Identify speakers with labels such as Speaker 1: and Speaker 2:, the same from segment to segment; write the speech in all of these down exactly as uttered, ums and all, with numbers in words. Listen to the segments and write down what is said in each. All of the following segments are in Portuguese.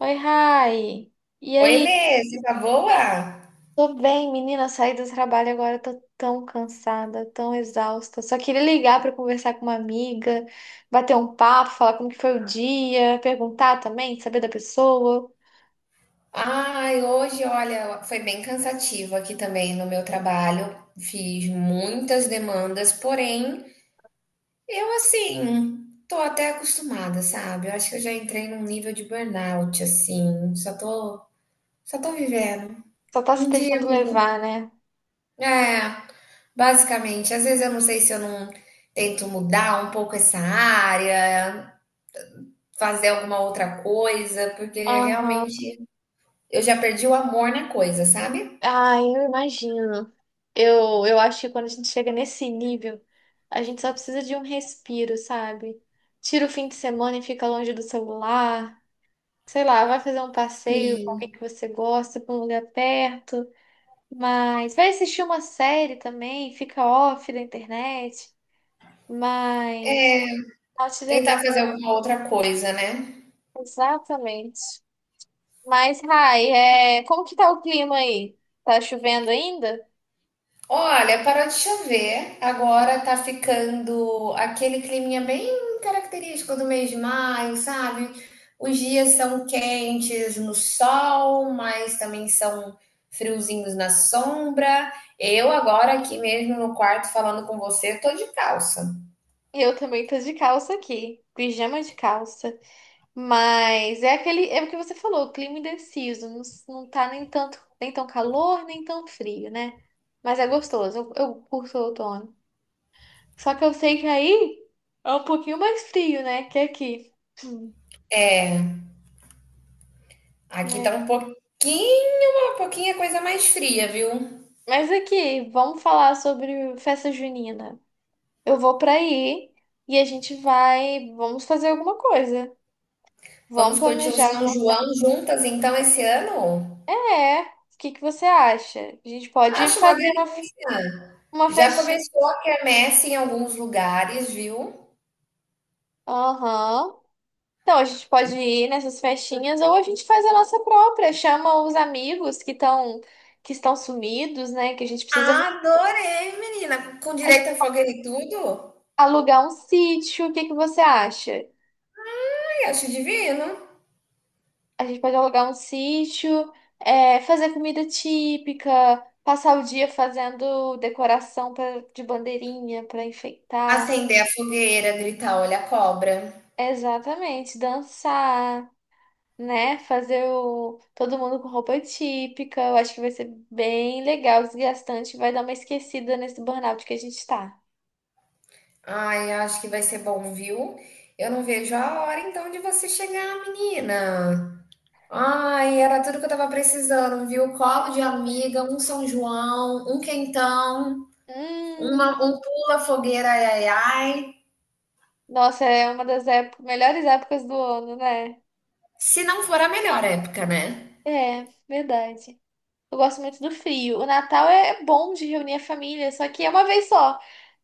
Speaker 1: Oi, Rai. E
Speaker 2: Oi,
Speaker 1: aí?
Speaker 2: Lê, você tá boa?
Speaker 1: Tô bem, menina. Saí do trabalho agora, tô tão cansada, tão exausta. Só queria ligar pra conversar com uma amiga, bater um papo, falar como que foi o dia, perguntar também, saber da pessoa.
Speaker 2: Ai, hoje, olha, foi bem cansativo aqui também no meu trabalho. Fiz muitas demandas, porém, eu assim, tô até acostumada, sabe? Eu acho que eu já entrei num nível de burnout, assim, só tô, só tô vivendo.
Speaker 1: Só tá se
Speaker 2: Um dia
Speaker 1: deixando
Speaker 2: após o outro.
Speaker 1: levar, né?
Speaker 2: É, basicamente, às vezes eu não sei se eu não tento mudar um pouco essa área, fazer alguma outra coisa, porque
Speaker 1: Aham.
Speaker 2: realmente eu já perdi o amor na coisa, sabe?
Speaker 1: Ai, eu imagino. Eu, eu acho que quando a gente chega nesse nível, a gente só precisa de um respiro, sabe? Tira o fim de semana e fica longe do celular. Sei lá, vai fazer um passeio com alguém
Speaker 2: Sim.
Speaker 1: que você gosta, pra um lugar perto, mas vai assistir uma série também, fica off da internet, mas outdoor é
Speaker 2: Tentar
Speaker 1: bem
Speaker 2: fazer alguma outra coisa, né?
Speaker 1: exatamente. Mas, Rai, é... como que tá o clima aí? Tá chovendo ainda?
Speaker 2: Olha, parou de chover, agora tá ficando aquele climinha bem característico do mês de maio, sabe? Os dias são quentes no sol, mas também são friozinhos na sombra. Eu agora aqui mesmo no quarto falando com você, tô de calça.
Speaker 1: Eu também tô de calça aqui, pijama de calça. Mas é aquele, é o que você falou, clima indeciso, não, s- não tá nem tanto, nem tão calor, nem tão frio, né? Mas é gostoso, eu, eu curto o outono. Só que eu sei que aí é um pouquinho mais frio, né? Que aqui. Hum,
Speaker 2: Aqui
Speaker 1: é.
Speaker 2: tá um pouquinho, uma pouquinha coisa mais fria, viu?
Speaker 1: Mas aqui, vamos falar sobre festa junina. Eu vou pra aí e a gente vai. Vamos fazer alguma coisa. Vamos
Speaker 2: Vamos curtir o
Speaker 1: planejar
Speaker 2: São
Speaker 1: alguma
Speaker 2: João juntas então esse ano?
Speaker 1: É. O que que você acha? A gente pode
Speaker 2: Acho uma
Speaker 1: fazer uma, f-
Speaker 2: delícia.
Speaker 1: uma
Speaker 2: Já
Speaker 1: festinha.
Speaker 2: começou a quermesse em alguns lugares, viu?
Speaker 1: Aham. Então, a gente pode ir nessas festinhas ou a gente faz a nossa própria. Chama os amigos que estão que estão sumidos, né? Que a gente precisa
Speaker 2: Adorei, menina, com direito a fogueira e tudo.
Speaker 1: alugar um sítio, o que que você acha?
Speaker 2: Ai, acho divino.
Speaker 1: A gente pode alugar um sítio, é, fazer comida típica, passar o dia fazendo decoração pra- de bandeirinha para enfeitar.
Speaker 2: Acender a fogueira, gritar, olha a cobra.
Speaker 1: Exatamente, dançar, né? Fazer o, todo mundo com roupa típica. Eu acho que vai ser bem legal, desgastante, vai dar uma esquecida nesse burnout que a gente tá.
Speaker 2: Ai, acho que vai ser bom, viu? Eu não vejo a hora então de você chegar, menina. Ai, era tudo que eu tava precisando, viu? Colo de amiga, um São João, um quentão.
Speaker 1: Hum,
Speaker 2: Uma, um pula fogueira, ai, ai, ai.
Speaker 1: nossa, é uma das épo- melhores épocas do ano, né?
Speaker 2: Se não for a melhor época, né?
Speaker 1: É, verdade. Eu gosto muito do frio. O Natal é é bom de reunir a família, só que é uma vez só.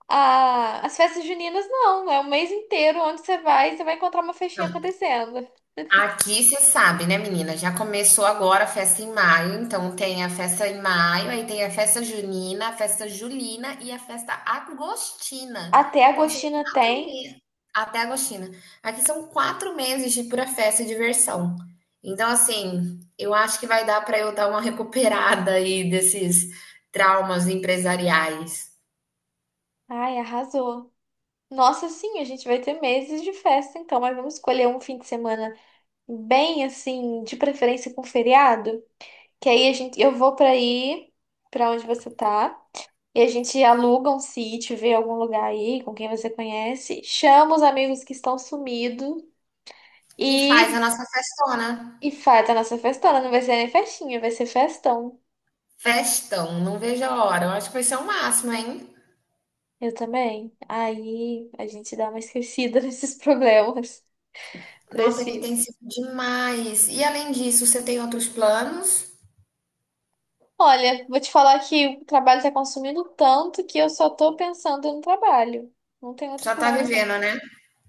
Speaker 1: A- As festas juninas não, é o mês inteiro onde você vai, você vai encontrar uma festinha
Speaker 2: Não,
Speaker 1: acontecendo.
Speaker 2: aqui você sabe, né, menina? Já começou agora a festa em maio, então tem a festa em maio, aí tem a festa junina, a festa julina e a festa agostina.
Speaker 1: Até
Speaker 2: Então são
Speaker 1: Agostina
Speaker 2: quatro
Speaker 1: tem.
Speaker 2: meses, até agostina. Aqui são quatro meses de pura festa e diversão. Então, assim, eu acho que vai dar para eu dar uma recuperada aí desses traumas empresariais.
Speaker 1: Ai, arrasou. Nossa, sim, a gente vai ter meses de festa, então, mas vamos escolher um fim de semana bem assim, de preferência com feriado, que aí a gente eu vou pra aí, pra onde você tá. E a gente aluga um sítio, vê algum lugar aí com quem você conhece, chama os amigos que estão sumidos
Speaker 2: E faz a
Speaker 1: e,
Speaker 2: nossa festona.
Speaker 1: e faz a nossa festona. Não vai ser nem festinha, vai ser festão.
Speaker 2: Festão, não vejo a hora. Eu acho que vai ser o máximo, hein?
Speaker 1: Eu também. Aí a gente dá uma esquecida nesses problemas
Speaker 2: Nossa, aqui tem
Speaker 1: precisos.
Speaker 2: sido demais. E além disso, você tem outros planos?
Speaker 1: Olha, vou te falar que o trabalho tá consumindo tanto que eu só tô pensando no trabalho. Não tem outro
Speaker 2: Só tá
Speaker 1: plano, não.
Speaker 2: vivendo, né?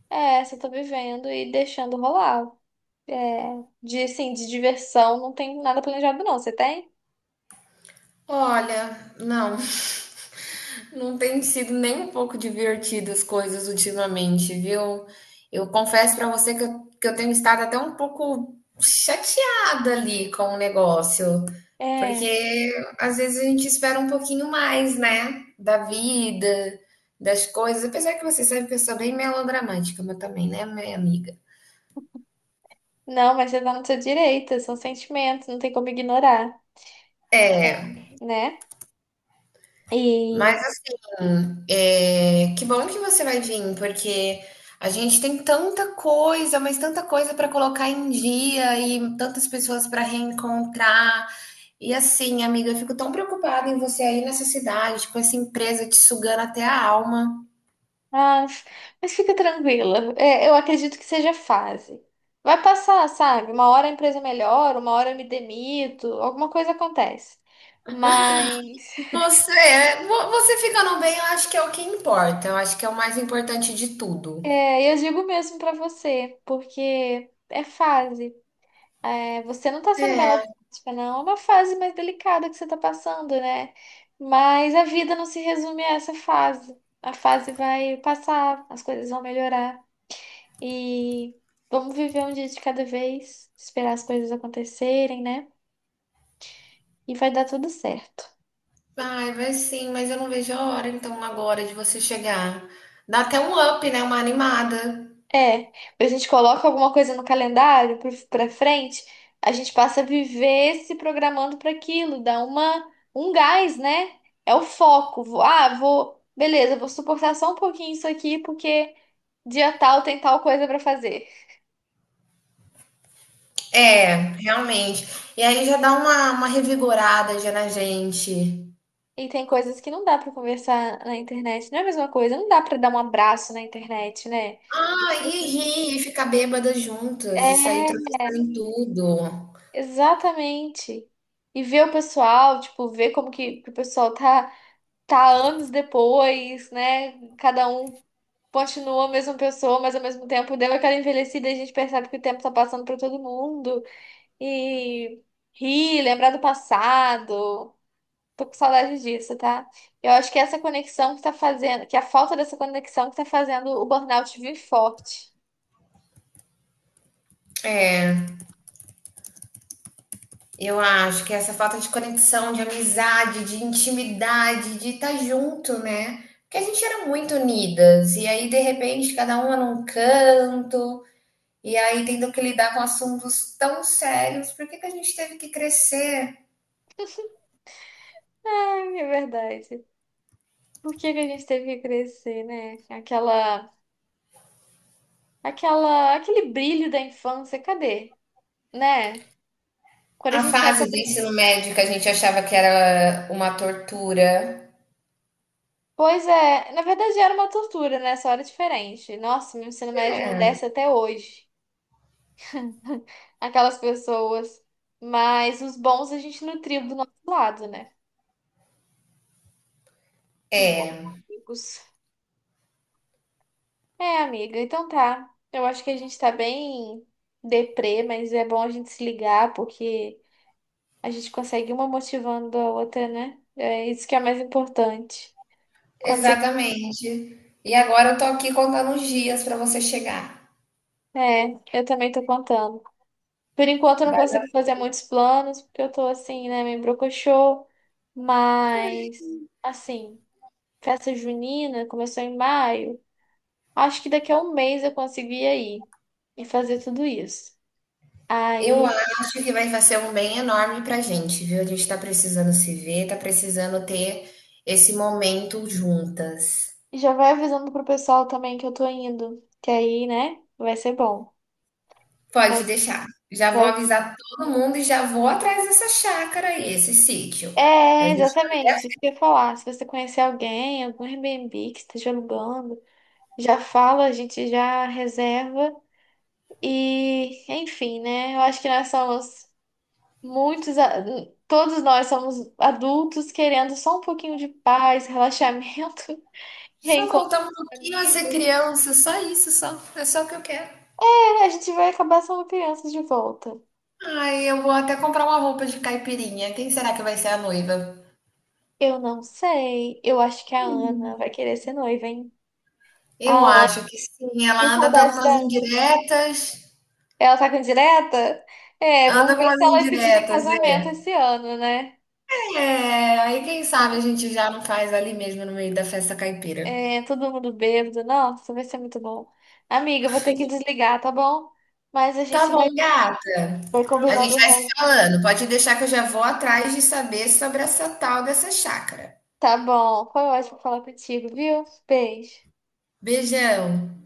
Speaker 1: É, só tô vivendo e deixando rolar. É, de, assim, de diversão, não tem nada planejado, não. Você tem?
Speaker 2: Olha, não. Não tem sido nem um pouco divertido as coisas ultimamente, viu? Eu confesso pra você que eu, que eu tenho estado até um pouco chateada ali com o negócio,
Speaker 1: É,
Speaker 2: porque às vezes a gente espera um pouquinho mais, né? Da vida, das coisas. Apesar que você sabe que eu sou bem melodramática, mas também, né, minha amiga?
Speaker 1: não, mas você tá no seu direito, são sentimentos, não tem como ignorar,
Speaker 2: É.
Speaker 1: né?
Speaker 2: Mas
Speaker 1: E,
Speaker 2: assim, é, que bom que você vai vir, porque a gente tem tanta coisa, mas tanta coisa para colocar em dia e tantas pessoas para reencontrar. E assim, amiga, eu fico tão preocupada em você aí nessa cidade, com essa empresa te sugando até a alma.
Speaker 1: mas, mas fica tranquila, é, eu acredito que seja fase. Vai passar, sabe? Uma hora a empresa melhora, uma hora eu me demito, alguma coisa acontece. Mas
Speaker 2: Você, vo- Você ficando bem, eu acho que é o que importa. Eu acho que é o mais importante de tudo.
Speaker 1: é, eu digo mesmo pra você, porque é fase. É, você não tá sendo
Speaker 2: É,
Speaker 1: melodramática, não. É uma fase mais delicada que você tá passando, né? Mas a vida não se resume a essa fase. A fase vai passar, as coisas vão melhorar. E vamos viver um dia de cada vez, esperar as coisas acontecerem, né? E vai dar tudo certo.
Speaker 2: ai, vai sim, mas eu não vejo a hora então agora de você chegar. Dá até um up, né? Uma animada.
Speaker 1: É, a gente coloca alguma coisa no calendário pro- pra frente, a gente passa a viver se programando para aquilo, dá uma um gás, né? É o foco. Vou- Ah, vou, beleza, vou suportar só um pouquinho isso aqui porque dia tal tem tal coisa para fazer. Não.
Speaker 2: É, realmente. E aí já dá uma uma revigorada já na gente.
Speaker 1: E tem coisas que não dá para conversar na internet, não é a mesma coisa, não dá para dar um abraço na internet, né?
Speaker 2: Ah, e rir, e ficar bêbada juntas, e sair
Speaker 1: É,
Speaker 2: tropeçando em tudo.
Speaker 1: exatamente. E ver o pessoal, tipo, ver como que, que o pessoal tá tá anos depois, né? Cada um continua a mesma pessoa, mas ao mesmo tempo deu aquela envelhecida e a gente percebe que o tempo tá passando pra todo mundo. E rir, lembrar do passado. Tô com saudade disso, tá? Eu acho que essa conexão que tá fazendo, que a falta dessa conexão que tá fazendo o burnout vir forte.
Speaker 2: Eu acho que essa falta de conexão, de amizade, de intimidade, de estar junto, né. Porque a gente era muito unidas, e aí de repente cada uma num canto, e aí tendo que lidar com assuntos tão sérios, por que que a gente teve que crescer?
Speaker 1: Ai, é verdade. Por que que a gente teve que crescer, né? Aquela, aquela, aquele brilho da infância, cadê? Né? Quando a
Speaker 2: A
Speaker 1: gente sai
Speaker 2: fase
Speaker 1: pra
Speaker 2: do
Speaker 1: brincar
Speaker 2: ensino médio que a gente achava que era uma tortura.
Speaker 1: pois é, na verdade era uma tortura, né? Só era diferente. Nossa, meu ensino médio não desce até hoje. Aquelas pessoas. Mas os bons a gente nutriu do nosso lado, né? Os bons amigos. É, amiga, então tá. Eu acho que a gente tá bem deprê, mas é bom a gente se ligar, porque a gente consegue uma motivando a outra, né? É isso que é mais importante. Quando você...
Speaker 2: Exatamente. E agora eu tô aqui contando os dias para você chegar.
Speaker 1: É, eu também tô contando. Por enquanto eu não
Speaker 2: Vai-
Speaker 1: consigo fazer muitos planos, porque eu tô assim, né, meio brocochô, mas assim, festa junina começou em maio. Acho que daqui a um mês eu consigo ir aí e fazer tudo isso.
Speaker 2: Eu
Speaker 1: Aí
Speaker 2: acho que vai fazer um bem enorme pra gente, viu? A gente tá precisando se ver, tá precisando ter esse momento juntas.
Speaker 1: já vai avisando pro pessoal também que eu tô indo, que aí, né, vai ser bom. Vai,
Speaker 2: Pode deixar. Já vou
Speaker 1: vai...
Speaker 2: avisar todo mundo e já vou atrás dessa chácara aí, esse sítio. Pra
Speaker 1: É,
Speaker 2: gente
Speaker 1: exatamente, isso que eu ia falar. Se você conhecer alguém, algum Airbnb que esteja alugando, já fala, a gente já reserva. E, enfim, né? Eu acho que nós somos muitos, a- todos nós somos adultos querendo só um pouquinho de paz, relaxamento,
Speaker 2: só
Speaker 1: reencontro
Speaker 2: voltar um
Speaker 1: com
Speaker 2: pouquinho a ser
Speaker 1: amigos.
Speaker 2: criança, só isso, só. É só o que eu quero.
Speaker 1: É, a gente vai acabar sendo crianças de volta.
Speaker 2: Ai, eu vou até comprar uma roupa de caipirinha. Quem será que vai ser a noiva?
Speaker 1: Eu não sei. Eu acho que a
Speaker 2: Menina.
Speaker 1: Ana vai querer ser noiva, hein? A
Speaker 2: Eu
Speaker 1: Ana,
Speaker 2: acho que sim.
Speaker 1: que
Speaker 2: Ela anda dando
Speaker 1: saudade da
Speaker 2: umas
Speaker 1: Ana.
Speaker 2: indiretas.
Speaker 1: Ela tá com direta? É,
Speaker 2: Anda
Speaker 1: vamos
Speaker 2: com
Speaker 1: ver
Speaker 2: umas
Speaker 1: se ela é pedida em
Speaker 2: indiretas,
Speaker 1: casamento
Speaker 2: é.
Speaker 1: esse ano, né?
Speaker 2: É, aí quem sabe a
Speaker 1: Tá.
Speaker 2: gente já não faz ali mesmo no meio da festa caipira.
Speaker 1: É, todo mundo bêbado. Nossa, vai ser muito bom. Amiga, eu vou ter que desligar, tá bom? Mas a
Speaker 2: Tá
Speaker 1: gente vai,
Speaker 2: bom, gata.
Speaker 1: vai
Speaker 2: A
Speaker 1: combinando
Speaker 2: gente
Speaker 1: o
Speaker 2: vai se
Speaker 1: resto.
Speaker 2: falando. Pode deixar que eu já vou atrás de saber sobre essa tal dessa chácara.
Speaker 1: Tá bom. Foi ótimo falar contigo, viu? Beijo.
Speaker 2: Beijão.